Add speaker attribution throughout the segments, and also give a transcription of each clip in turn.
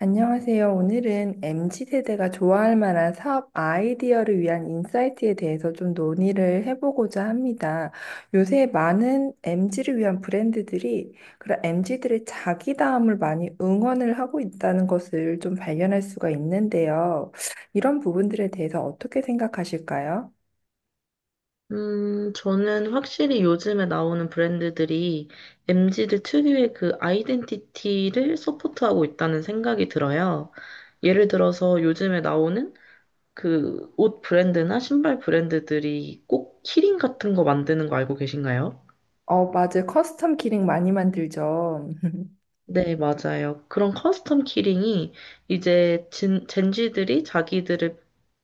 Speaker 1: 안녕하세요. 오늘은 MZ세대가 좋아할 만한 사업 아이디어를 위한 인사이트에 대해서 좀 논의를 해보고자 합니다. 요새 많은 MZ를 위한 브랜드들이 그런 MZ들의 자기다움을 많이 응원을 하고 있다는 것을 좀 발견할 수가 있는데요. 이런 부분들에 대해서 어떻게 생각하실까요?
Speaker 2: 저는 확실히 요즘에 나오는 브랜드들이 엠지들 특유의 그 아이덴티티를 서포트하고 있다는 생각이 들어요. 예를 들어서 요즘에 나오는 그 옷 브랜드나 신발 브랜드들이 꼭 키링 같은 거 만드는 거 알고 계신가요?
Speaker 1: 맞아요. 커스텀 기능 많이 만들죠.
Speaker 2: 네, 맞아요. 그런 커스텀 키링이 이제 젠지들이 자기들을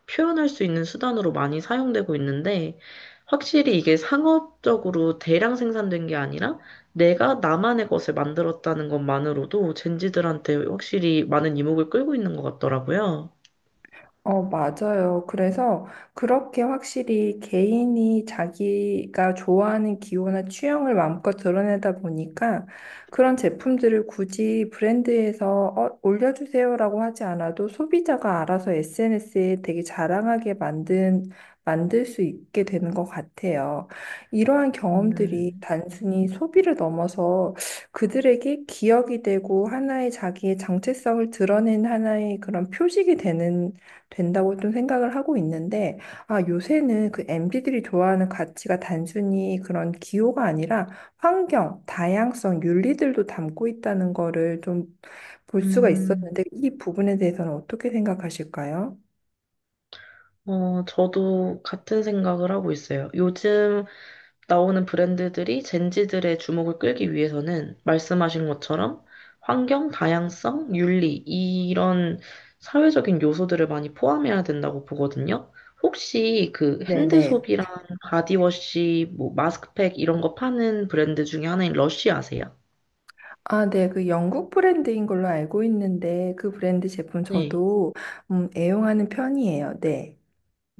Speaker 2: 표현할 수 있는 수단으로 많이 사용되고 있는데, 확실히 이게 상업적으로 대량 생산된 게 아니라 내가 나만의 것을 만들었다는 것만으로도 젠지들한테 확실히 많은 이목을 끌고 있는 것 같더라고요.
Speaker 1: 맞아요. 그래서 그렇게 확실히 개인이 자기가 좋아하는 기호나 취향을 마음껏 드러내다 보니까 그런 제품들을 굳이 브랜드에서 올려주세요라고 하지 않아도 소비자가 알아서 SNS에 되게 자랑하게 만들 수 있게 되는 것 같아요. 이러한 경험들이
Speaker 2: 음.
Speaker 1: 단순히 소비를 넘어서 그들에게 기억이 되고 하나의 자기의 정체성을 드러낸 하나의 그런 표식이 되는 된다고 좀 생각을 하고 있는데, 아, 요새는 그 MZ들이 좋아하는 가치가 단순히 그런 기호가 아니라 환경, 다양성, 윤리들도 담고 있다는 거를 좀 볼 수가
Speaker 2: 음,
Speaker 1: 있었는데, 이 부분에 대해서는 어떻게 생각하실까요?
Speaker 2: 저도 같은 생각을 하고 있어요. 요즘 나오는 브랜드들이 젠지들의 주목을 끌기 위해서는 말씀하신 것처럼 환경, 다양성, 윤리, 이런 사회적인 요소들을 많이 포함해야 된다고 보거든요. 혹시 그 핸드
Speaker 1: 네네.
Speaker 2: 소비랑 바디워시, 뭐 마스크팩 이런 거 파는 브랜드 중에 하나인 러쉬 아세요?
Speaker 1: 아, 네. 그 영국 브랜드인 걸로 알고 있는데, 그 브랜드 제품
Speaker 2: 네.
Speaker 1: 저도 애용하는 편이에요. 네.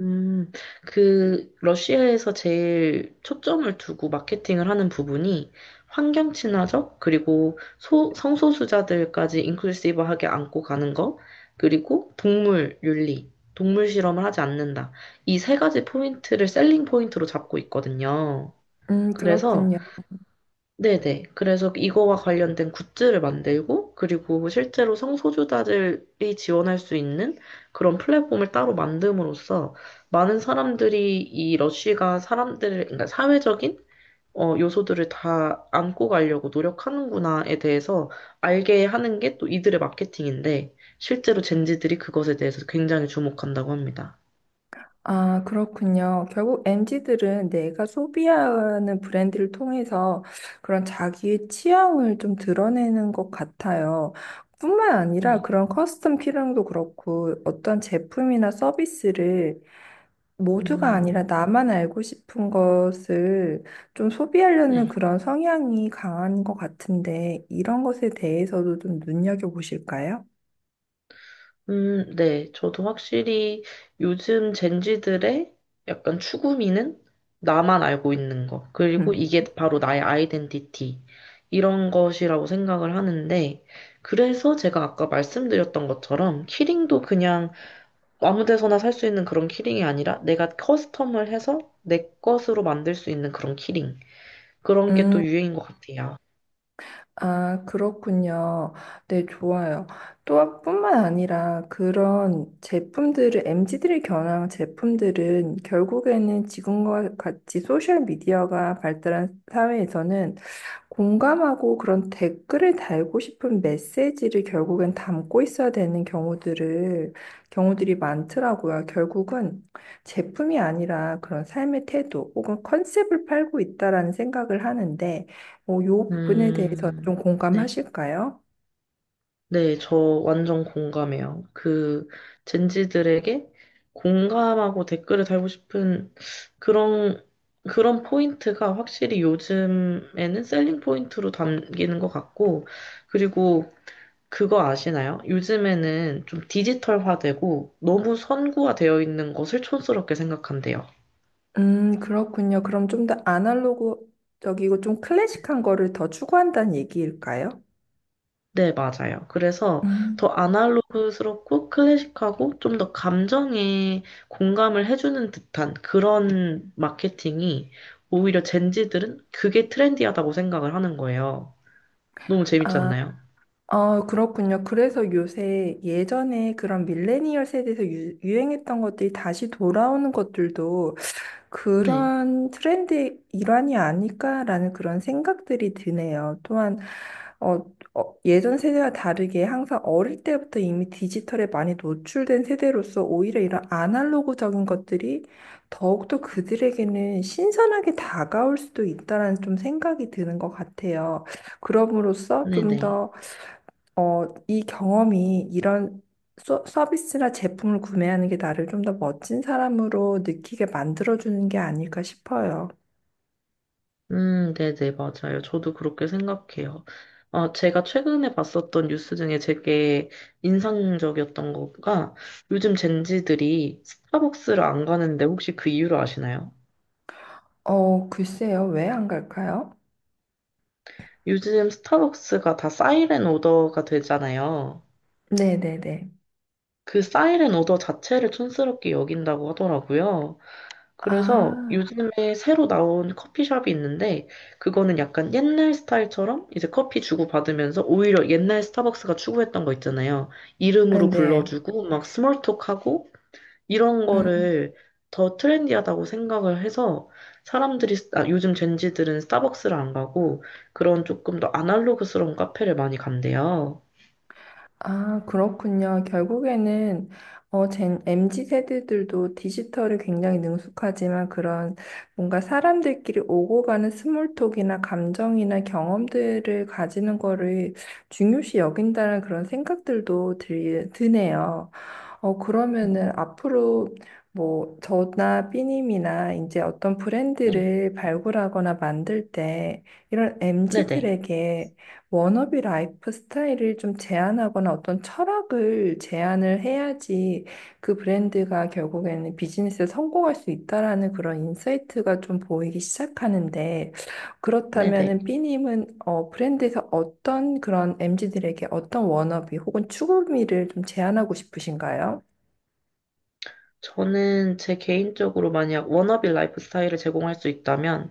Speaker 2: 음, 그, 러시아에서 제일 초점을 두고 마케팅을 하는 부분이 환경 친화적, 그리고 성소수자들까지 인클루시브하게 안고 가는 거, 그리고 동물 윤리, 동물 실험을 하지 않는다. 이 세 가지 포인트를 셀링 포인트로 잡고 있거든요. 그래서
Speaker 1: 그렇군요.
Speaker 2: 네네. 그래서 이거와 관련된 굿즈를 만들고, 그리고 실제로 성소수자들이 지원할 수 있는 그런 플랫폼을 따로 만듦으로써 많은 사람들이 이 러쉬가 사람들을, 그러니까 사회적인 어, 요소들을 다 안고 가려고 노력하는구나에 대해서 알게 하는 게 또 이들의 마케팅인데, 실제로 젠지들이 그것에 대해서 굉장히 주목한다고 합니다.
Speaker 1: 아, 그렇군요. 결국 m 지들은 내가 소비하는 브랜드를 통해서 그런 자기의 취향을 좀 드러내는 것 같아요. 뿐만
Speaker 2: 네.
Speaker 1: 아니라 그런 커스텀 키링도 그렇고 어떤 제품이나 서비스를 모두가
Speaker 2: 음.
Speaker 1: 아니라 나만 알고 싶은 것을 좀 소비하려는
Speaker 2: 네.
Speaker 1: 그런 성향이 강한 것 같은데 이런 것에 대해서도 좀 눈여겨보실까요?
Speaker 2: 네. 저도 확실히 요즘 젠지들의 약간 추구미는 나만 알고 있는 것, 그리고 이게 바로 나의 아이덴티티, 이런 것이라고 생각을 하는데, 그래서 제가 아까 말씀드렸던 것처럼, 키링도 그냥 아무 데서나 살 수 있는 그런 키링이 아니라, 내가 커스텀을 해서 내 것으로 만들 수 있는 그런 키링. 그런 게
Speaker 1: 음.
Speaker 2: 또 유행인 것 같아요.
Speaker 1: 아, 그렇군요. 네, 좋아요. 또 뿐만 아니라 그런 제품들을, m 지들이 겨냥한 제품들은 결국에는 지금과 같이 소셜미디어가 발달한 사회에서는 공감하고 그런 댓글을 달고 싶은 메시지를 결국엔 담고 있어야 되는 경우들이 많더라고요. 결국은 제품이 아니라 그런 삶의 태도 혹은 컨셉을 팔고 있다라는 생각을 하는데, 뭐, 요 부분에 대해서
Speaker 2: 음,
Speaker 1: 좀
Speaker 2: 네.
Speaker 1: 공감하실까요?
Speaker 2: 네, 저 완전 공감해요. 그 젠지들에게 공감하고 댓글을 달고 싶은 그런 그런 포인트가 확실히 요즘에는 셀링 포인트로 담기는 것 같고, 그리고 그거 아시나요? 요즘에는 좀 디지털화되고 너무 선구화되어 있는 것을 촌스럽게 생각한대요.
Speaker 1: 그렇군요. 그럼 좀 더 아날로그적이고 좀 클래식한 거를 더 추구한다는 얘기일까요?
Speaker 2: 네, 맞아요. 그래서 더
Speaker 1: 음.
Speaker 2: 아날로그스럽고 클래식하고 좀 더 감정에 공감을 해주는 듯한 그런 마케팅이 오히려 젠지들은 그게 트렌디하다고 생각을 하는 거예요. 너무 재밌지 않나요?
Speaker 1: 아, 그렇군요. 그래서 요새 예전에 그런 밀레니얼 세대에서 유행했던 것들이 다시 돌아오는 것들도
Speaker 2: 네,
Speaker 1: 그런 트렌드의 일환이 아닐까라는 그런 생각들이 드네요. 또한 어, 예전 세대와 다르게 항상 어릴 때부터 이미 디지털에 많이 노출된 세대로서 오히려 이런 아날로그적인 것들이 더욱더 그들에게는 신선하게 다가올 수도 있다라는 좀 생각이 드는 것 같아요. 그럼으로써
Speaker 2: 네네.
Speaker 1: 좀더 이 경험이 이런 서비스나 제품을 구매하는 게 나를 좀 더 멋진 사람으로 느끼게 만들어주는 게 아닐까 싶어요.
Speaker 2: 네네, 맞아요. 저도 그렇게 생각해요. 어, 제가 최근에 봤었던 뉴스 중에 되게 인상적이었던 거가 요즘 젠지들이 스타벅스를 안 가는데 혹시 그 이유를 아시나요?
Speaker 1: 글쎄요. 왜 안 갈까요?
Speaker 2: 요즘 스타벅스가 다 사이렌 오더가 되잖아요.
Speaker 1: 네네네.
Speaker 2: 그 사이렌 오더 자체를 촌스럽게 여긴다고 하더라고요. 그래서
Speaker 1: 아,
Speaker 2: 요즘에 새로 나온 커피숍이 있는데, 그거는 약간 옛날 스타일처럼 이제 커피 주고받으면서 오히려 옛날 스타벅스가 추구했던 거 있잖아요. 이름으로
Speaker 1: 네.
Speaker 2: 불러주고, 막 스몰톡하고, 이런 거를 더 트렌디하다고 생각을 해서 사람들이 아, 요즘 젠지들은 스타벅스를 안 가고 그런 조금 더 아날로그스러운 카페를 많이 간대요.
Speaker 1: 아, 그렇군요. 결국에는 MZ 세대들도 디지털에 굉장히 능숙하지만 그런 뭔가 사람들끼리 오고 가는 스몰톡이나 감정이나 경험들을 가지는 거를 중요시 여긴다는 그런 생각들도 드네요.
Speaker 2: 음.
Speaker 1: 그러면은 앞으로 뭐 저나 삐님이나 이제 어떤
Speaker 2: 네,
Speaker 1: 브랜드를 발굴하거나 만들 때 이런 m 지들
Speaker 2: 네네,
Speaker 1: 에게 워너비 라이프 스타일을 좀 제안하거나 어떤 철학을 제안을 해야지 그 브랜드가 결국에는 비즈니스에 성공할 수 있다라는 그런 인사이트가 좀 보이기 시작하는데
Speaker 2: 네네.
Speaker 1: 그렇다면은 삐님은 브랜드에서 어떤 그런 m 지들에게 어떤 워너비 혹은 추구미를 좀 제안하고 싶으신가요?
Speaker 2: 저는 제 개인적으로 만약 워너비 라이프 스타일을 제공할 수 있다면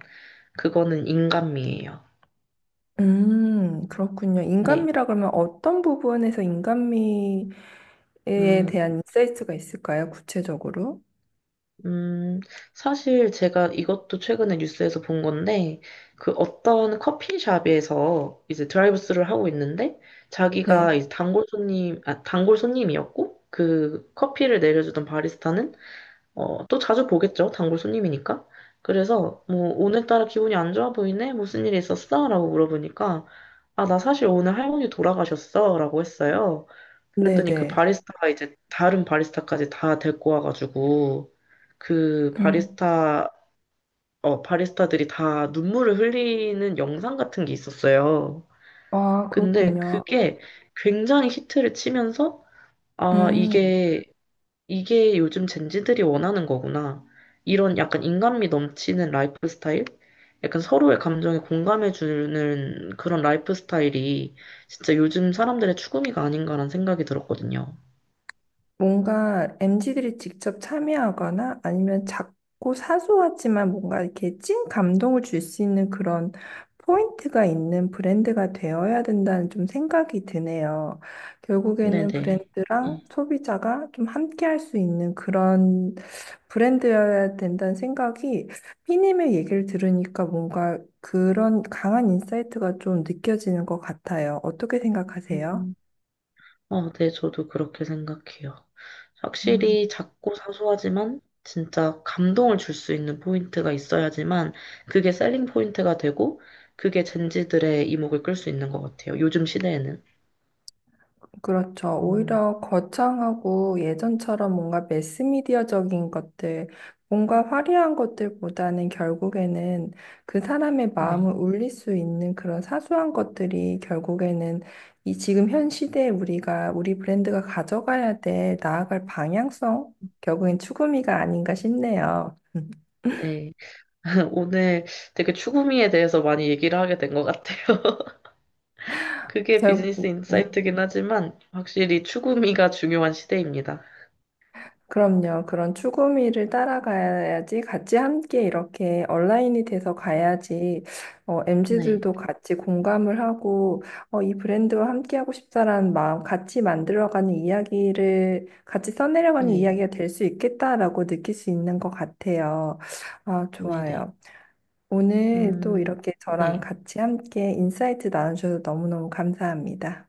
Speaker 2: 그거는 인간미예요.
Speaker 1: 그렇군요.
Speaker 2: 네.
Speaker 1: 인간미라 그러면 어떤 부분에서 인간미에
Speaker 2: 음,
Speaker 1: 대한 인사이트가 있을까요? 구체적으로?
Speaker 2: 음, 사실 제가 이것도 최근에 뉴스에서 본 건데, 그 어떤 커피숍에서 이제 드라이브스루를 하고 있는데, 자기가
Speaker 1: 네.
Speaker 2: 이제 단골 손님, 아, 단골 손님이었고, 그 커피를 내려주던 바리스타는, 어, 또 자주 보겠죠. 단골 손님이니까. 그래서, 뭐, 오늘따라 기분이 안 좋아 보이네? 무슨 일이 있었어? 라고 물어보니까, 아, 나 사실 오늘 할머니 돌아가셨어. 라고 했어요. 그랬더니 그
Speaker 1: 네네.
Speaker 2: 바리스타가 이제 다른 바리스타까지 다 데리고 와가지고 그
Speaker 1: 음.
Speaker 2: 바리스타 바리스타들이 다 눈물을 흘리는 영상 같은 게 있었어요.
Speaker 1: 아,
Speaker 2: 근데
Speaker 1: 그렇군요.
Speaker 2: 그게 굉장히 히트를 치면서 아
Speaker 1: 음.
Speaker 2: 이게 이게 요즘 젠지들이 원하는 거구나. 이런 약간 인간미 넘치는 라이프 스타일? 약간 서로의 감정에 공감해 주는 그런 라이프 스타일이 진짜 요즘 사람들의 추구미가 아닌가라는 생각이 들었거든요.
Speaker 1: 뭔가 m 지들이 직접 참여하거나 아니면 작고 사소하지만 뭔가 이렇게 찐 감동을 줄 수 있는 그런 포인트가 있는 브랜드가 되어야 된다는 좀 생각이 드네요. 결국에는
Speaker 2: 네네.
Speaker 1: 브랜드랑
Speaker 2: 음.
Speaker 1: 소비자가 좀 함께 할 수 있는 그런 브랜드여야 된다는 생각이 피님의 얘기를 들으니까 뭔가 그런 강한 인사이트가 좀 느껴지는 것 같아요. 어떻게 생각하세요?
Speaker 2: 음. 어, 네, 저도 그렇게 생각해요.
Speaker 1: 음.
Speaker 2: 확실히 작고 사소하지만 진짜 감동을 줄 수 있는 포인트가 있어야지만 그게 셀링 포인트가 되고 그게 젠지들의 이목을 끌 수 있는 것 같아요. 요즘 시대에는.
Speaker 1: 그렇죠.
Speaker 2: 음,
Speaker 1: 오히려 거창하고 예전처럼 뭔가 매스미디어적인 것들, 뭔가 화려한 것들보다는 결국에는 그 사람의
Speaker 2: 네.
Speaker 1: 마음을 울릴 수 있는 그런 사소한 것들이 결국에는 이 지금 현 시대에 우리가 우리 브랜드가 가져가야 될 나아갈 방향성, 결국엔 추구미가 아닌가 싶네요.
Speaker 2: 네. 오늘 되게 추구미에 대해서 많이 얘기를 하게 된 것 같아요. 그게
Speaker 1: 결,
Speaker 2: 비즈니스 인사이트긴 하지만 확실히 추구미가 중요한 시대입니다.
Speaker 1: 그럼요. 그런 추구미를 따라가야지 같이 함께 이렇게 얼라인이 돼서 가야지
Speaker 2: 네.
Speaker 1: MZ들도 같이 공감을 하고 이 브랜드와 함께 하고 싶다라는 마음 같이 만들어가는 이야기를 같이 써내려가는
Speaker 2: 네.
Speaker 1: 이야기가 될 수 있겠다라고 느낄 수 있는 것 같아요. 아,
Speaker 2: 네네.
Speaker 1: 좋아요. 오늘 또
Speaker 2: 음,
Speaker 1: 이렇게
Speaker 2: 네.
Speaker 1: 저랑 같이 함께 인사이트 나눠주셔서 너무너무 감사합니다.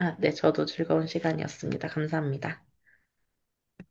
Speaker 2: 아, 네, 저도 즐거운 시간이었습니다. 감사합니다.